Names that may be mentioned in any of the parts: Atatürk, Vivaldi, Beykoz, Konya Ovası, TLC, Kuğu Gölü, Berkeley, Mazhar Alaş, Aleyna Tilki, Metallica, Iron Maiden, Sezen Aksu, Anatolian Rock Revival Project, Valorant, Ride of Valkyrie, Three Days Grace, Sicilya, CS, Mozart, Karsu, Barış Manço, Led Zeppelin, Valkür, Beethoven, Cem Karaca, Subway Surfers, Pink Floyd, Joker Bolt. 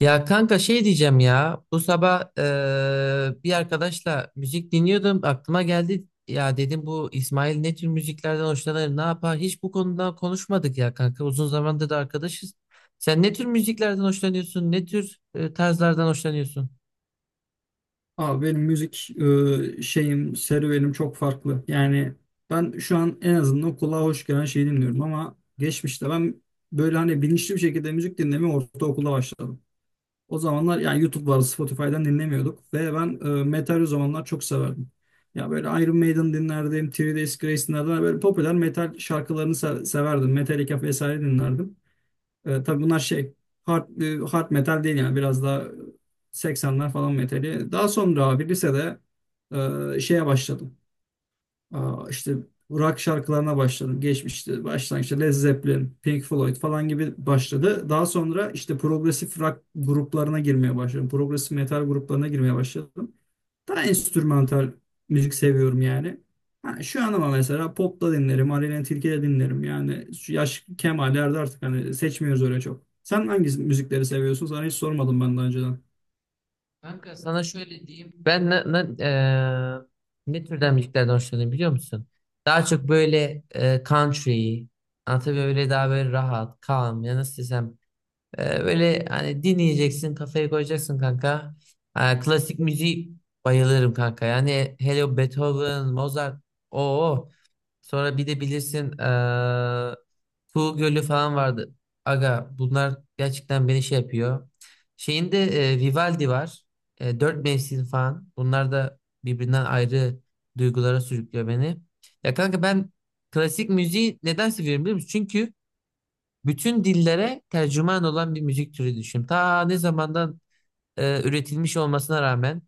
Ya kanka şey diyeceğim ya bu sabah bir arkadaşla müzik dinliyordum, aklıma geldi, ya dedim bu İsmail ne tür müziklerden hoşlanır, ne yapar, hiç bu konuda konuşmadık ya kanka, uzun zamandır da arkadaşız. Sen ne tür müziklerden hoşlanıyorsun, ne tür tarzlardan hoşlanıyorsun? Abi benim müzik şeyim, serüvenim çok farklı. Yani ben şu an en azından kulağa hoş gelen şeyi dinliyorum ama geçmişte ben böyle hani bilinçli bir şekilde müzik dinlemeye ortaokulda başladım. O zamanlar yani YouTube vardı, Spotify'dan dinlemiyorduk ve ben metal o zamanlar çok severdim. Ya böyle Iron Maiden dinlerdim, Three Days Grace dinlerdim. Böyle popüler metal şarkılarını severdim. Metallica vesaire dinlerdim. Tabii bunlar şey hard, hard metal değil yani biraz daha 80'ler falan metali. Daha sonra abi lisede şeye başladım. Aa, işte rock şarkılarına başladım. Geçmişti. Başlangıçta Led Zeppelin, Pink Floyd falan gibi başladı. Daha sonra işte progresif rock gruplarına girmeye başladım. Progresif metal gruplarına girmeye başladım. Daha enstrümantal müzik seviyorum yani. Ha, şu an ama mesela pop da dinlerim, Aleyna Tilki de dinlerim. Yani şu yaş kemallerde artık hani seçmiyoruz öyle çok. Sen hangi müzikleri seviyorsun? Sana hiç sormadım ben daha önceden. Kanka sana şöyle diyeyim, ben ne türden müziklerden hoşlanıyorum biliyor musun? Daha çok böyle country, anlatabiliyor, öyle daha böyle rahat, calm, ya nasıl desem. Böyle hani dinleyeceksin, kafaya koyacaksın kanka. Ha, klasik müziği bayılırım kanka. Yani hele o Beethoven, Mozart. Oo. Sonra bir de bilirsin Kuğu Gölü falan vardı. Aga bunlar gerçekten beni şey yapıyor. Şeyinde Vivaldi var. Dört mevsim falan. Bunlar da birbirinden ayrı duygulara sürüklüyor beni. Ya kanka ben klasik müziği neden seviyorum biliyor musun? Bütün dillere tercüman olan bir müzik türü düşün. Ta ne zamandan üretilmiş olmasına rağmen,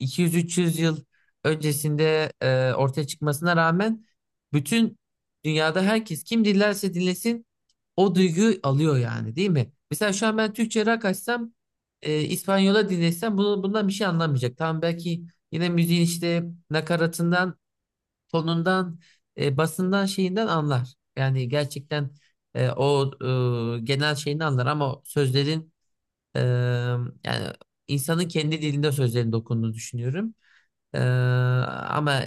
200-300 yıl öncesinde ortaya çıkmasına rağmen, bütün dünyada herkes, kim dinlerse dinlesin, o duyguyu alıyor yani, değil mi? Mesela şu an ben Türkçe rock açsam, İspanyola dinlesem bunu, bundan bir şey anlamayacak. Tamam, belki yine müziğin işte nakaratından, tonundan, basından, şeyinden anlar. Yani gerçekten o genel şeyini anlar, ama sözlerin, e, yani insanın kendi dilinde sözlerin dokunduğunu düşünüyorum. E, Ama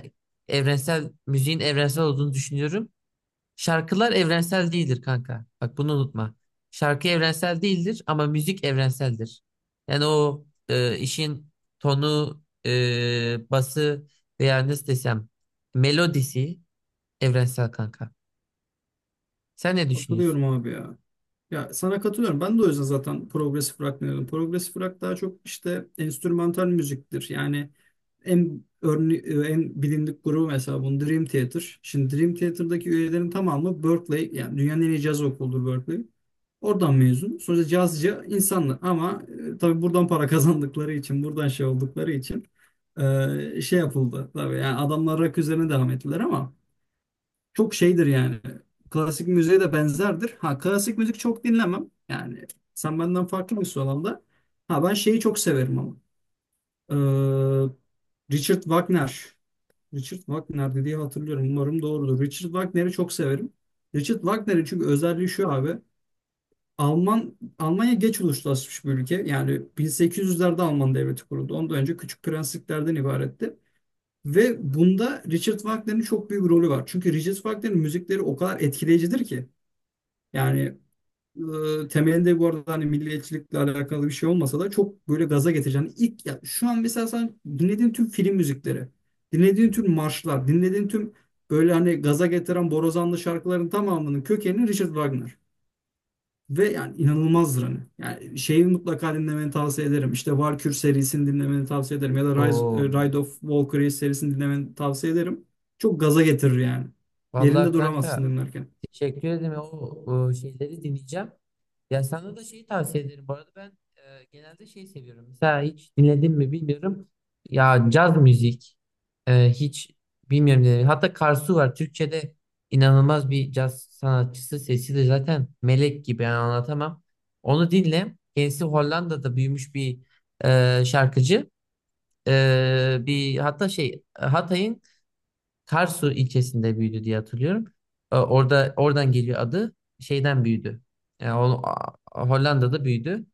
evrensel, müziğin evrensel olduğunu düşünüyorum. Şarkılar evrensel değildir kanka. Bak bunu unutma. Şarkı evrensel değildir ama müzik evrenseldir. Yani o işin tonu, bası, veya nasıl desem, melodisi evrensel kanka. Sen ne düşünüyorsun? Katılıyorum abi ya. Ya sana katılıyorum. Ben de o yüzden zaten progresif rock dinledim. Progresif rock daha çok işte enstrümantal müziktir. Yani en örne en bilindik grubu mesela bunun Dream Theater. Şimdi Dream Theater'daki üyelerin tamamı Berkeley, yani dünyanın en iyi caz okuludur Berkeley. Oradan mezun. Sonuçta cazcı insanlar ama tabii buradan para kazandıkları için, buradan şey oldukları için şey yapıldı. Tabii yani adamlar rock üzerine devam ettiler ama çok şeydir yani. Klasik müziğe de benzerdir. Ha, klasik müzik çok dinlemem. Yani sen benden farklı mısın o alanda? Ha, ben şeyi çok severim ama. Ee, Richard Wagner. Richard Wagner diye hatırlıyorum. Umarım doğrudur. Richard Wagner'i çok severim. Richard Wagner'in çünkü özelliği şu abi. Almanya geç uluslaşmış bir ülke. Yani 1800'lerde Alman devleti kuruldu. Ondan önce küçük prensliklerden ibaretti. Ve bunda Richard Wagner'in çok büyük rolü var. Çünkü Richard Wagner'in müzikleri o kadar etkileyicidir ki. Yani temelinde bu arada hani milliyetçilikle alakalı bir şey olmasa da çok böyle gaza getiren ilk, ya şu an mesela sen dinlediğin tüm film müzikleri, dinlediğin tüm marşlar, dinlediğin tüm böyle hani gaza getiren borazanlı şarkıların tamamının kökeni Richard Wagner. Ve yani inanılmazdır hani. Yani şeyi mutlaka dinlemeni tavsiye ederim. İşte Valkür serisini dinlemeni tavsiye ederim. Ya da Oo. Ride of Valkyrie serisini dinlemeni tavsiye ederim. Çok gaza getirir yani. Vallahi Yerinde duramazsın kanka, dinlerken. teşekkür ederim. O şeyleri dinleyeceğim. Ya sana da şeyi tavsiye ederim. Bu arada ben genelde şey seviyorum. Mesela hiç dinledin mi bilmiyorum. Ya caz müzik, hiç bilmiyorum, dinledim. Hatta Karsu var. Türkçe'de inanılmaz bir caz sanatçısı. Sesi de zaten melek gibi. Yani anlatamam. Onu dinle. Kendisi Hollanda'da büyümüş bir şarkıcı. Bir hatta şey, Hatay'ın Karsu ilçesinde büyüdü diye hatırlıyorum. Oradan geliyor adı. Şeyden büyüdü. Yani Hollanda'da büyüdü.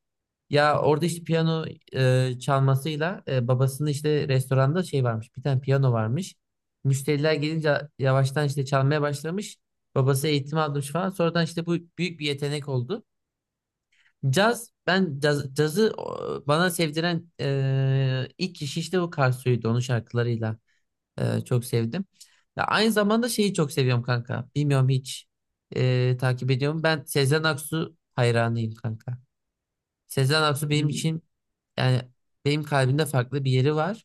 Ya orada işte piyano çalmasıyla, babasının işte restoranda şey varmış. Bir tane piyano varmış. Müşteriler gelince yavaştan işte çalmaya başlamış. Babası eğitim almış falan. Sonradan işte bu büyük bir yetenek oldu. Cazı o, bana sevdiren ilk kişi işte o Karsu'ydu, onun şarkılarıyla. Çok sevdim. Ya aynı zamanda şeyi çok seviyorum kanka. Bilmiyorum, hiç takip ediyorum. Ben Sezen Aksu hayranıyım kanka. Sezen Aksu benim Hmm. için, yani benim kalbimde farklı bir yeri var.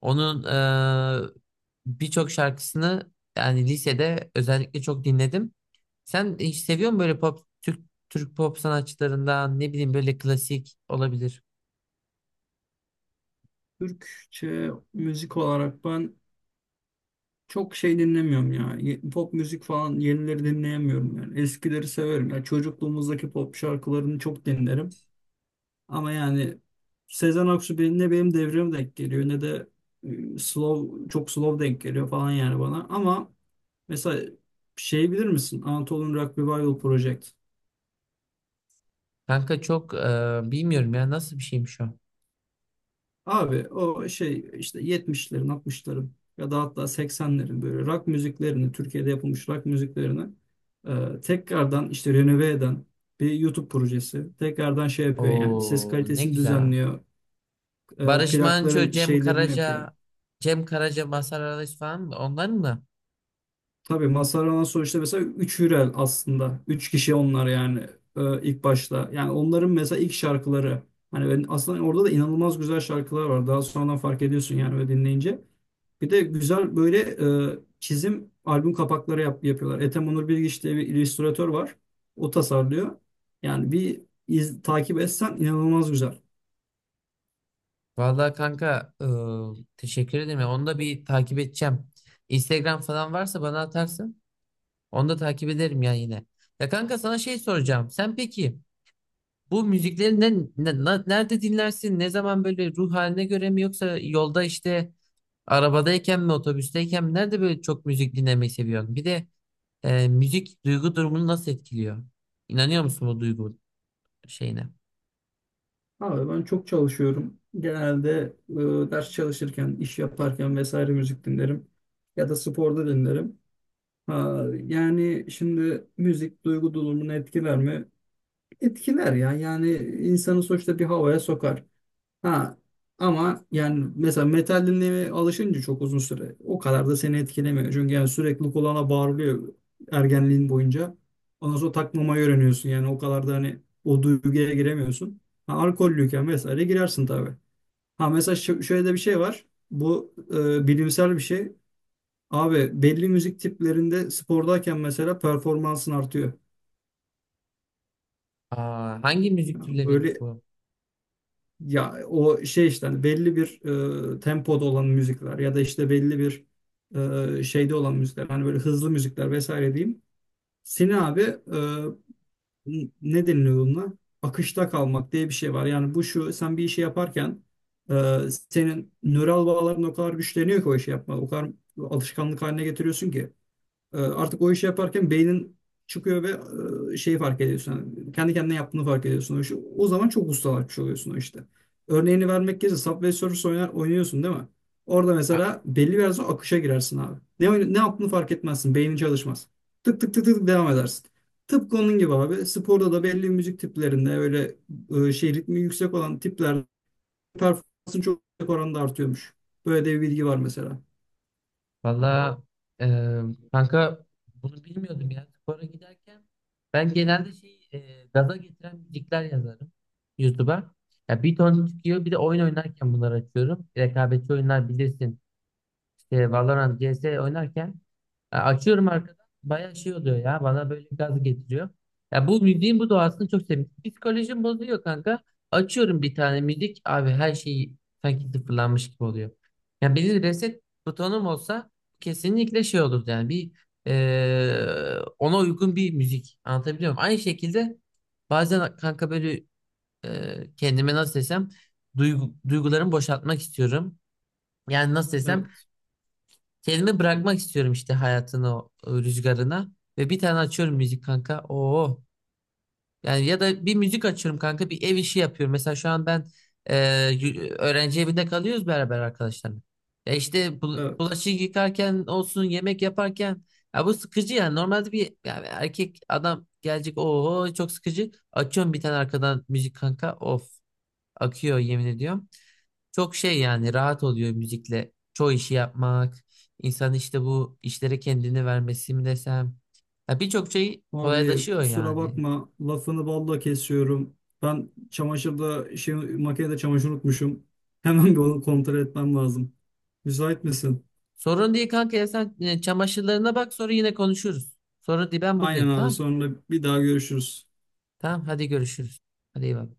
Onun e, birçok şarkısını yani lisede özellikle çok dinledim. Sen hiç seviyor musun böyle pop, Türk pop sanatçılarından, ne bileyim, böyle klasik olabilir. Türkçe müzik olarak ben çok şey dinlemiyorum ya. Pop müzik falan yenileri dinleyemiyorum yani. Eskileri severim. Ya çocukluğumuzdaki pop şarkılarını çok dinlerim. Ama yani Sezen Aksu benim, ne benim devrime denk geliyor ne de e, slow çok slow denk geliyor falan yani bana. Ama mesela şey bilir misin? Anatolian Rock Revival Project. Kanka çok bilmiyorum ya, nasıl bir şeymiş o. Abi o şey işte 70'lerin, 60'ların ya da hatta 80'lerin böyle rock müziklerini, Türkiye'de yapılmış rock müziklerini tekrardan işte renove eden bir YouTube projesi. Tekrardan şey yapıyor, yani ses Oo, ne kalitesini güzel. düzenliyor. E, Barış Manço, plakların Cem şeylerini yapıyor. Karaca, Cem Karaca, Mazhar Alaş falan mı? Onların mı? Tabii Masarana sonuçta mesela 3 Hürel aslında. Üç kişi onlar yani ilk başta. Yani onların mesela ilk şarkıları. Hani ben aslında orada da inanılmaz güzel şarkılar var. Daha sonradan fark ediyorsun yani ve dinleyince. Bir de güzel böyle çizim albüm kapakları yapıyorlar. Ethem Onur Bilgiç diye bir illüstratör var. O tasarlıyor. Yani bir takip etsen inanılmaz güzel. Vallahi kanka, teşekkür ederim ya. Onu da bir takip edeceğim. Instagram falan varsa bana atarsın. Onu da takip ederim ya yine. Ya kanka sana şey soracağım. Sen peki bu müzikleri nerede dinlersin? Ne zaman, böyle ruh haline göre mi, yoksa yolda, işte arabadayken mi, otobüsteyken mi? Nerede böyle çok müzik dinlemeyi seviyorsun? Bir de müzik duygu durumunu nasıl etkiliyor? İnanıyor musun bu duygu şeyine? Abi ben çok çalışıyorum. Genelde ders çalışırken, iş yaparken vesaire müzik dinlerim. Ya da sporda dinlerim. Ha, yani şimdi müzik duygu durumunu etkiler mi? Etkiler ya. Yani insanı sonuçta bir havaya sokar. Ha, ama yani mesela metal dinlemeye alışınca çok uzun süre o kadar da seni etkilemiyor. Çünkü yani sürekli kulağına bağırılıyor ergenliğin boyunca. Ondan sonra takmamayı öğreniyorsun. Yani o kadar da hani o duyguya giremiyorsun. Ha, alkollüyken vesaire girersin tabii. Ha, mesela şöyle de bir şey var. Bu bilimsel bir şey. Abi belli müzik tiplerinde spordayken mesela performansın artıyor. Aa, hangi müzik Yani türleriymiş böyle, bu? ya o şey işte hani belli bir tempoda olan müzikler ya da işte belli bir şeyde olan müzikler, hani böyle hızlı müzikler vesaire diyeyim. Seni abi ne deniliyor bununla? Akışta kalmak diye bir şey var. Yani bu şu: sen bir işi yaparken e, senin nöral bağların o kadar güçleniyor ki o işi yapma. O kadar alışkanlık haline getiriyorsun ki. E, artık o işi yaparken beynin çıkıyor ve şeyi fark ediyorsun. Yani kendi kendine yaptığını fark ediyorsun o işi. O zaman çok ustalaşmış oluyorsun o işte. Örneğini vermek gerekirse Subway Surfers oynuyorsun değil mi? Orada Ha, mesela belli bir yerden sonra akışa girersin abi. Ne yaptığını fark etmezsin. Beynin çalışmaz. Tık tık tık tık devam edersin. Tıpkı onun gibi abi. Sporda da belli müzik tiplerinde öyle şey ritmi yüksek olan tiplerde performansın çok yüksek oranda artıyormuş. Böyle de bir bilgi var mesela. valla, e, kanka bunu bilmiyordum ya. Spora giderken ben genelde şey, gaza getiren müzikler yazarım YouTube'a. Ya bir ton çıkıyor, bir de oyun oynarken bunları açıyorum. Rekabetçi oyunlar bilirsin. İşte Valorant, CS oynarken ya, açıyorum arkadan, bayağı şey oluyor ya, bana böyle gaz getiriyor. Ya bu müziğin bu doğasını çok seviyorum. Psikolojim bozuyor kanka. Açıyorum bir tane müzik abi, her şey sanki sıfırlanmış gibi oluyor. Ya benim reset butonum olsa, kesinlikle şey olurdu yani, bir ona uygun bir müzik, anlatabiliyor muyum? Aynı şekilde bazen kanka böyle kendime, nasıl desem, duygularımı boşaltmak istiyorum. Yani nasıl desem, Evet. kendimi bırakmak istiyorum işte hayatın o rüzgarına. Ve bir tane açıyorum müzik kanka. Oo. Yani ya da bir müzik açıyorum kanka, bir ev işi yapıyorum. Mesela şu an ben öğrenci evinde kalıyoruz beraber arkadaşlarla. Ya işte Evet. bulaşık yıkarken olsun, yemek yaparken. Ya bu sıkıcı yani. Normalde bir yani erkek adam gelecek. Oo, çok sıkıcı. Açıyorum bir tane arkadan müzik kanka. Of, akıyor, yemin ediyorum. Çok şey yani, rahat oluyor müzikle. Çoğu işi yapmak, insan işte bu işlere kendini vermesi mi desem. Ya birçok şey Abi kolaylaşıyor kusura yani. bakma, lafını balla kesiyorum. Ben makinede çamaşır unutmuşum. Hemen bir onu kontrol etmem lazım. Müsait misin? Sorun değil kanka, ya sen çamaşırlarına bak, sonra yine konuşuruz. Sorun değil, ben Aynen buradayım, abi, tamam. sonra bir daha görüşürüz. Tamam, hadi görüşürüz. Hadi, iyi bak.